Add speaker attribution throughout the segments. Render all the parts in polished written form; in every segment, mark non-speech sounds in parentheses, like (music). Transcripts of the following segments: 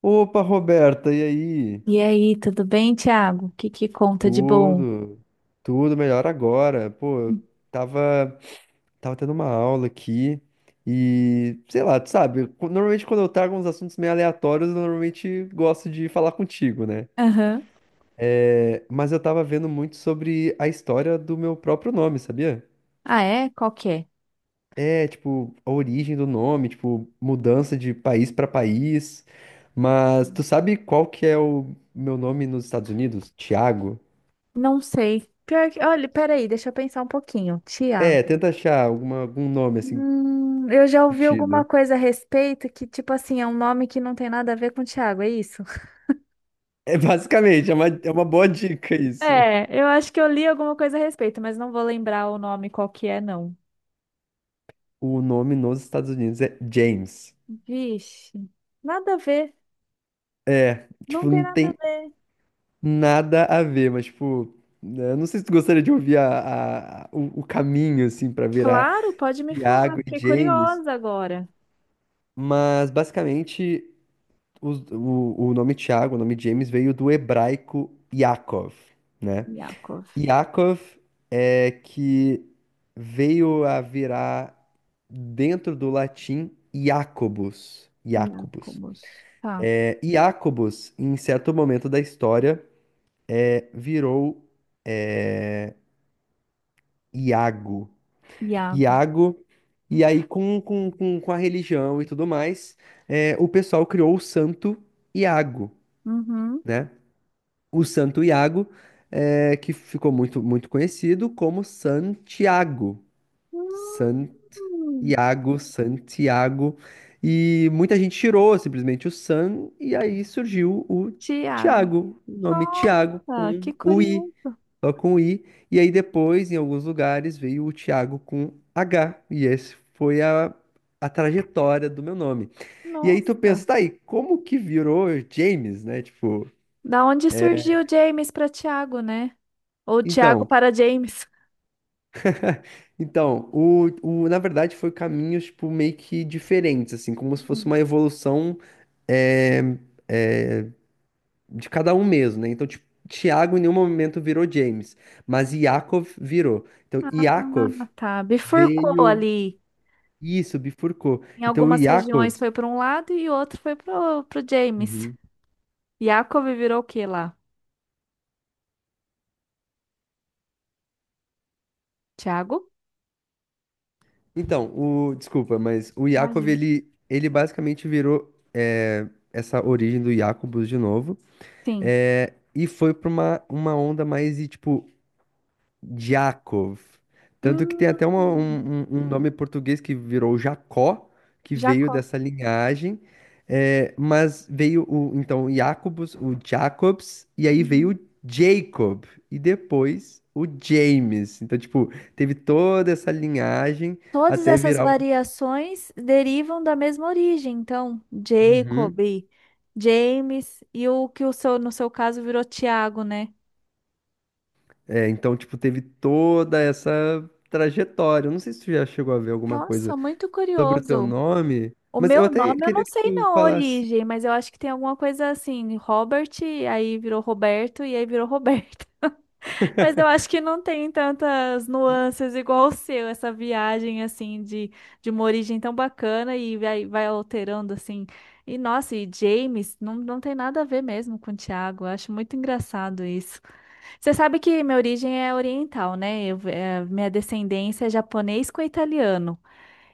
Speaker 1: Opa, Roberta, e aí?
Speaker 2: E aí, tudo bem, Thiago? O que que conta de bom?
Speaker 1: Tudo, tudo melhor agora. Pô, tava, tava tendo uma aula aqui e, sei lá, tu sabe, normalmente quando eu trago uns assuntos meio aleatórios, eu normalmente gosto de falar contigo, né?
Speaker 2: Aham.
Speaker 1: É, mas eu tava vendo muito sobre a história do meu próprio nome, sabia?
Speaker 2: Ah, é? Qual que é?
Speaker 1: É, tipo, a origem do nome, tipo, mudança de país pra país. Mas tu sabe qual que é o meu nome nos Estados Unidos? Tiago?
Speaker 2: Não sei. Pior que, olha, peraí, deixa eu pensar um pouquinho. Thiago.
Speaker 1: É, tenta achar alguma, algum nome assim,
Speaker 2: Eu já ouvi alguma
Speaker 1: sentido.
Speaker 2: coisa a respeito que, tipo assim, é um nome que não tem nada a ver com Thiago, é isso?
Speaker 1: É uma boa dica isso.
Speaker 2: É, eu acho que eu li alguma coisa a respeito, mas não vou lembrar o nome qual que é, não.
Speaker 1: O nome nos Estados Unidos é James.
Speaker 2: Vixe, nada a ver.
Speaker 1: É,
Speaker 2: Não
Speaker 1: tipo,
Speaker 2: tem
Speaker 1: não
Speaker 2: nada a
Speaker 1: tem
Speaker 2: ver.
Speaker 1: nada a ver, mas tipo, né, eu não sei se tu gostaria de ouvir o caminho, assim, pra virar
Speaker 2: Claro, pode me falar,
Speaker 1: Iago e
Speaker 2: fiquei
Speaker 1: James,
Speaker 2: curiosa agora.
Speaker 1: mas basicamente o nome Tiago, o nome James veio do hebraico Yaakov, né?
Speaker 2: Yakov.
Speaker 1: Yaakov é que veio a virar dentro do latim Jacobus. Jacobus.
Speaker 2: Iacomos. Tá,
Speaker 1: É, Jacobus, em certo momento da história, é, virou é, Iago.
Speaker 2: Iago.
Speaker 1: Iago, e aí com a religião e tudo mais, é, o pessoal criou o Santo Iago,
Speaker 2: Uhum.
Speaker 1: né? O Santo Iago, é, que ficou muito, muito conhecido como Santiago.
Speaker 2: Hum,
Speaker 1: Iago, Santiago, e muita gente tirou simplesmente o San, e aí surgiu o
Speaker 2: Tiago.
Speaker 1: Tiago, o nome Tiago
Speaker 2: Nossa,
Speaker 1: com
Speaker 2: que
Speaker 1: o I,
Speaker 2: curioso.
Speaker 1: só com o I, e aí depois, em alguns lugares, veio o Tiago com H, e esse foi a trajetória do meu nome. E aí tu
Speaker 2: Nossa.
Speaker 1: pensa, tá aí, como que virou James, né? Tipo,
Speaker 2: Da onde surgiu James para Tiago, né? Ou Tiago
Speaker 1: então.
Speaker 2: para James?
Speaker 1: Então, na verdade, foi caminhos, tipo, meio que diferentes, assim, como se fosse
Speaker 2: Hum.
Speaker 1: uma evolução é, de cada um mesmo, né? Então, tipo, Tiago em nenhum momento virou James, mas Iakov virou. Então,
Speaker 2: Ah,
Speaker 1: Iakov
Speaker 2: tá. Bifurcou
Speaker 1: veio.
Speaker 2: ali.
Speaker 1: Isso, bifurcou.
Speaker 2: Em
Speaker 1: Então, o
Speaker 2: algumas
Speaker 1: Iakov.
Speaker 2: regiões foi para um lado e outro foi pro James.
Speaker 1: Uhum.
Speaker 2: Jacob virou o quê lá? Tiago?
Speaker 1: Então, o. Desculpa, mas o Iakov,
Speaker 2: Imagino.
Speaker 1: ele basicamente virou é, essa origem do Jacobus de novo.
Speaker 2: Sim.
Speaker 1: É, e foi pra uma onda mais, e, tipo, Jacov. Tanto que tem até
Speaker 2: Hum,
Speaker 1: um nome português que virou Jacó, que veio
Speaker 2: Jacó.
Speaker 1: dessa linhagem. É, mas veio o, então, o Jacobus, o Jacobs, e aí veio
Speaker 2: Uhum.
Speaker 1: o Jacob, e depois o James. Então, tipo, teve toda essa linhagem
Speaker 2: Todas
Speaker 1: até
Speaker 2: essas
Speaker 1: virar o.
Speaker 2: variações derivam da mesma origem, então, Jacob,
Speaker 1: Uhum.
Speaker 2: James e o que o seu, no seu caso virou Tiago, né?
Speaker 1: É, então, tipo, teve toda essa trajetória. Eu não sei se tu já chegou a ver alguma
Speaker 2: Nossa,
Speaker 1: coisa
Speaker 2: muito
Speaker 1: sobre o teu
Speaker 2: curioso.
Speaker 1: nome,
Speaker 2: O
Speaker 1: mas eu
Speaker 2: meu
Speaker 1: até
Speaker 2: nome eu
Speaker 1: queria
Speaker 2: não
Speaker 1: que
Speaker 2: sei
Speaker 1: tu
Speaker 2: não a
Speaker 1: falasse.
Speaker 2: origem, mas eu acho que tem alguma coisa assim, Robert, aí virou Roberto e aí virou Roberto. Mas eu acho que não tem tantas nuances igual o seu, essa viagem assim de uma origem tão bacana e vai alterando assim. E nossa, e James não, não tem nada a ver mesmo com o Thiago. Eu acho muito engraçado isso. Você sabe que minha origem é oriental, né? Minha descendência é japonês com italiano.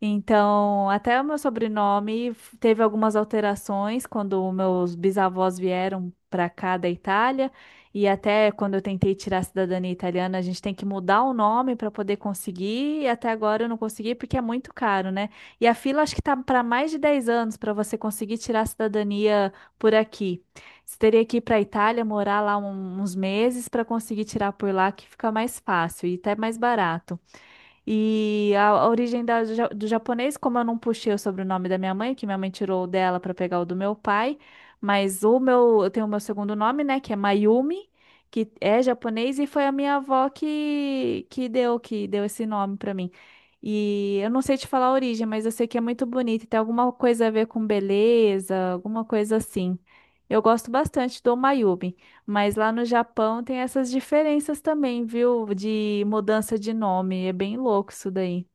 Speaker 2: Então, até o meu sobrenome teve algumas alterações quando meus bisavós vieram para cá da Itália, e até quando eu tentei tirar a cidadania italiana, a gente tem que mudar o nome para poder conseguir, e até agora eu não consegui porque é muito caro, né? E a fila acho que tá para mais de 10 anos para você conseguir tirar a cidadania por aqui. Você teria que ir para a Itália, morar lá uns meses para conseguir tirar por lá, que fica mais fácil e até mais barato. E a origem do japonês, como eu não puxei o sobrenome da minha mãe, que minha mãe tirou o dela para pegar o do meu pai, mas o meu, eu tenho o meu segundo nome, né, que é Mayumi, que é japonês e foi a minha avó que deu esse nome para mim. E eu não sei te falar a origem, mas eu sei que é muito bonito, e tem alguma coisa a ver com beleza, alguma coisa assim. Eu gosto bastante do Mayumi. Mas lá no Japão tem essas diferenças também, viu? De mudança de nome. É bem louco isso daí.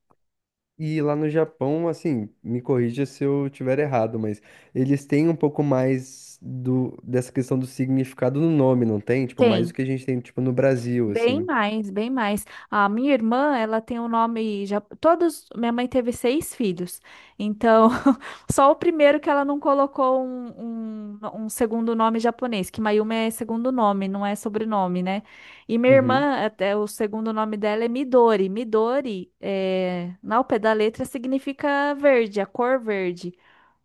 Speaker 1: E lá no Japão, assim, me corrija se eu tiver errado, mas eles têm um pouco mais do, dessa questão do significado no nome, não tem? Tipo, mais do
Speaker 2: Tem.
Speaker 1: que a gente tem, tipo, no Brasil,
Speaker 2: Bem
Speaker 1: assim.
Speaker 2: mais, bem mais. A minha irmã, ela tem o nome já todos, minha mãe teve seis filhos. Então, (laughs) só o primeiro que ela não colocou um segundo nome japonês, que Mayumi é segundo nome, não é sobrenome, né? E minha
Speaker 1: Uhum,
Speaker 2: irmã, até o segundo nome dela é Midori. Midori, ao pé da letra, significa verde, a cor verde.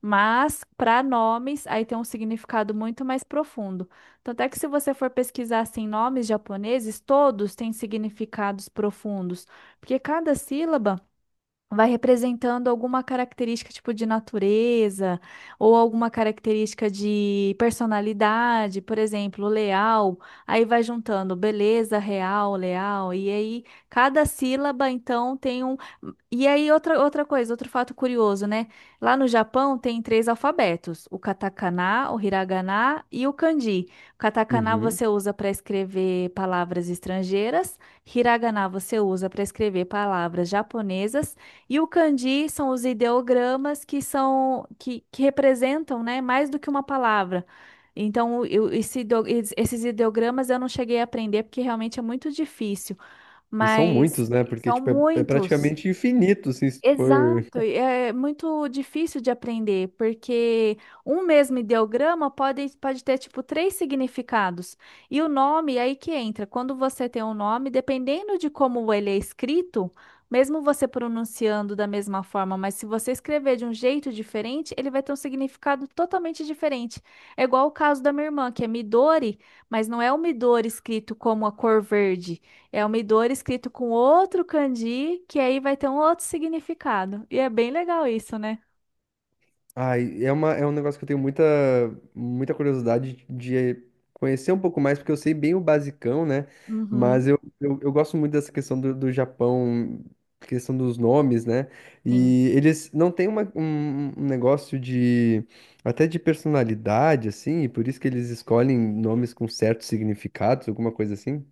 Speaker 2: Mas para nomes, aí tem um significado muito mais profundo. Tanto é que se você for pesquisar assim, nomes japoneses, todos têm significados profundos, porque cada sílaba vai representando alguma característica tipo de natureza ou alguma característica de personalidade, por exemplo, leal, aí vai juntando beleza, real, leal, e aí cada sílaba então tem um e aí, outra coisa, outro fato curioso, né? Lá no Japão tem três alfabetos: o katakana, o hiragana e o kanji. O katakana
Speaker 1: uhum.
Speaker 2: você usa para escrever palavras estrangeiras, hiragana você usa para escrever palavras japonesas, e o kanji são os ideogramas que são que representam, né, mais do que uma palavra. Então, esses ideogramas eu não cheguei a aprender porque realmente é muito difícil,
Speaker 1: E são
Speaker 2: mas
Speaker 1: muitos, né? Porque,
Speaker 2: são
Speaker 1: tipo, é, é
Speaker 2: muitos.
Speaker 1: praticamente infinito, assim, se tu for.
Speaker 2: Muito, e é muito difícil de aprender, porque um mesmo ideograma pode ter, tipo, três significados. E o nome, é aí que entra. Quando você tem um nome, dependendo de como ele é escrito, mesmo você pronunciando da mesma forma, mas se você escrever de um jeito diferente, ele vai ter um significado totalmente diferente. É igual o caso da minha irmã, que é Midori, mas não é o Midori escrito como a cor verde. É um Midori escrito com outro kanji, que aí vai ter um outro significado. E é bem legal isso, né?
Speaker 1: Ai, é uma, é um negócio que eu tenho muita, muita curiosidade de conhecer um pouco mais, porque eu sei bem o basicão, né? Mas
Speaker 2: Uhum,
Speaker 1: eu gosto muito dessa questão do, do Japão, questão dos nomes, né?
Speaker 2: sim.
Speaker 1: E eles não têm um negócio de, até de personalidade, assim, e por isso que eles escolhem nomes com certos significados, alguma coisa assim.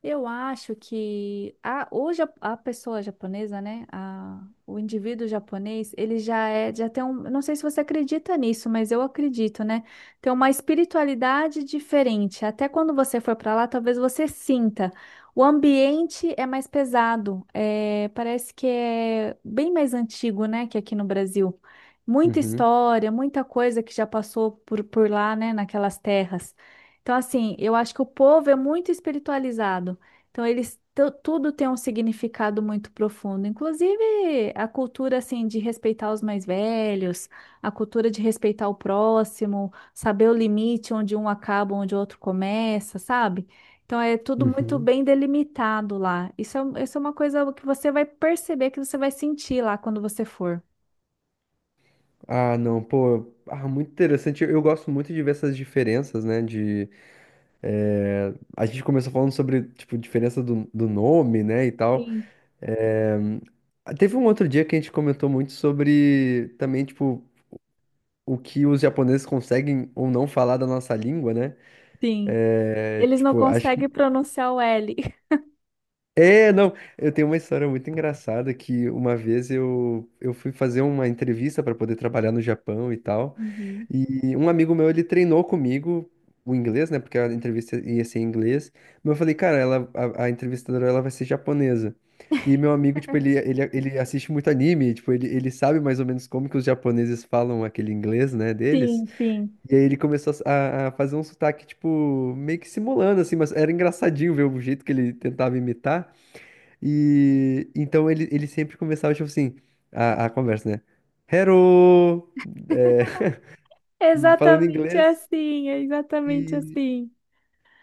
Speaker 2: Eu acho que hoje a pessoa japonesa, né? O indivíduo japonês, ele já tem um. Eu não sei se você acredita nisso, mas eu acredito, né? Tem uma espiritualidade diferente. Até quando você for para lá, talvez você sinta. O ambiente é mais pesado. É, parece que é bem mais antigo, né? Que aqui no Brasil. Muita
Speaker 1: Uhum.
Speaker 2: história, muita coisa que já passou por lá, né? Naquelas terras. Então, assim, eu acho que o povo é muito espiritualizado. Então, eles tudo tem um significado muito profundo. Inclusive, a cultura, assim, de respeitar os mais velhos, a cultura de respeitar o próximo, saber o limite onde um acaba, onde o outro começa, sabe? Então, é tudo muito
Speaker 1: Uhum.
Speaker 2: bem delimitado lá. Isso é uma coisa que você vai perceber, que você vai sentir lá quando você for.
Speaker 1: Ah, não, pô, ah, muito interessante. Eu gosto muito de ver essas diferenças, né? É, a gente começou falando sobre, tipo, diferença do, do nome, né, e tal.
Speaker 2: Sim,
Speaker 1: É, teve um outro dia que a gente comentou muito sobre também, tipo, o que os japoneses conseguem ou não falar da nossa língua, né?
Speaker 2: sim.
Speaker 1: É,
Speaker 2: Eles não
Speaker 1: tipo, acho que...
Speaker 2: conseguem pronunciar o L. (laughs)
Speaker 1: É, não, eu tenho uma história muito engraçada que uma vez eu fui fazer uma entrevista para poder trabalhar no Japão e tal.
Speaker 2: Uhum.
Speaker 1: E um amigo meu, ele treinou comigo o inglês, né? Porque a entrevista ia ser em inglês. Mas eu falei, cara, ela, a entrevistadora, ela vai ser japonesa. E meu amigo, tipo, ele assiste muito anime, tipo, ele sabe mais ou menos como que os japoneses falam aquele inglês, né, deles.
Speaker 2: Sim, sim.
Speaker 1: E aí ele começou a fazer um sotaque, tipo, meio que simulando, assim, mas era engraçadinho ver o jeito que ele tentava imitar. E então ele sempre começava, tipo assim, a conversa, né? Hello! É, (laughs) falando
Speaker 2: Exatamente
Speaker 1: inglês.
Speaker 2: assim, é exatamente
Speaker 1: E,
Speaker 2: assim.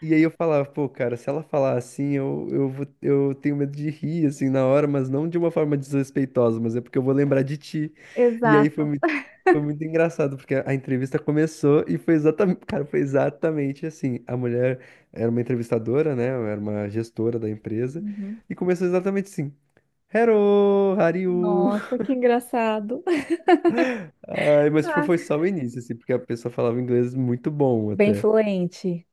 Speaker 1: e aí eu falava, pô, cara, se ela falar assim, vou- eu tenho medo de rir, assim, na hora, mas não de uma forma desrespeitosa, mas é porque eu vou lembrar de ti. E aí
Speaker 2: Exato.
Speaker 1: foi muito engraçado, porque a entrevista começou e foi exatamente, (laughs) cara, foi exatamente assim. A mulher era uma entrevistadora, né? Era uma gestora da empresa,
Speaker 2: Uhum.
Speaker 1: e começou exatamente assim. Hello, how are you?
Speaker 2: Nossa, que engraçado. (laughs)
Speaker 1: Ai, mas tipo,
Speaker 2: Ah,
Speaker 1: foi só o início, assim, porque a pessoa falava inglês muito bom
Speaker 2: bem
Speaker 1: até.
Speaker 2: fluente.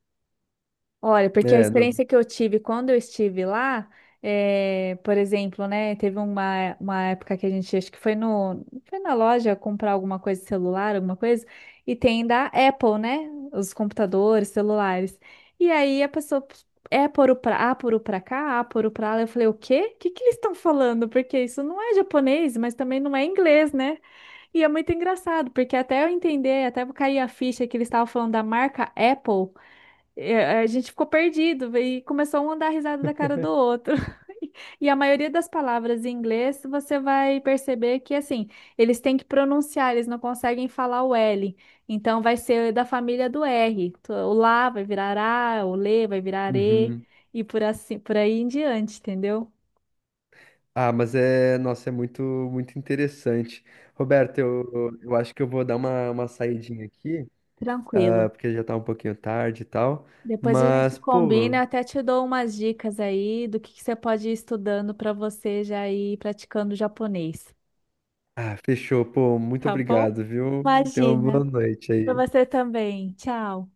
Speaker 2: Olha, porque a
Speaker 1: É, não.
Speaker 2: experiência que eu tive quando eu estive lá, por exemplo, né, teve uma época que a gente, acho que foi no, foi na loja comprar alguma coisa, celular, alguma coisa, e tem da Apple, né, os computadores, celulares. E aí a pessoa, é por o pra, a por o pra cá, ah, por o pra lá. Eu falei, o quê? O que que eles estão falando? Porque isso não é japonês, mas também não é inglês, né? E é muito engraçado, porque até eu entender, até eu cair a ficha que eles estavam falando da marca Apple, e a gente ficou perdido e começou um a dar risada da cara do outro. (laughs) E a maioria das palavras em inglês, você vai perceber que, assim, eles têm que pronunciar, eles não conseguem falar o L. Então, vai ser da família do R. O lá vai virar A, o lê vai virar E,
Speaker 1: Uhum.
Speaker 2: e por aí em diante, entendeu?
Speaker 1: Ah, mas é, nossa, é muito, muito interessante. Roberto, eu acho que eu vou dar uma saidinha aqui,
Speaker 2: Tranquilo.
Speaker 1: ah, porque já tá um pouquinho tarde e tal.
Speaker 2: Depois a gente
Speaker 1: Mas, pô,
Speaker 2: combina, eu até te dou umas dicas aí do que você pode ir estudando para você já ir praticando japonês,
Speaker 1: ah, fechou, pô, muito
Speaker 2: tá bom?
Speaker 1: obrigado, viu? Tenha uma boa
Speaker 2: Imagina.
Speaker 1: noite
Speaker 2: Para
Speaker 1: aí.
Speaker 2: você também. Tchau.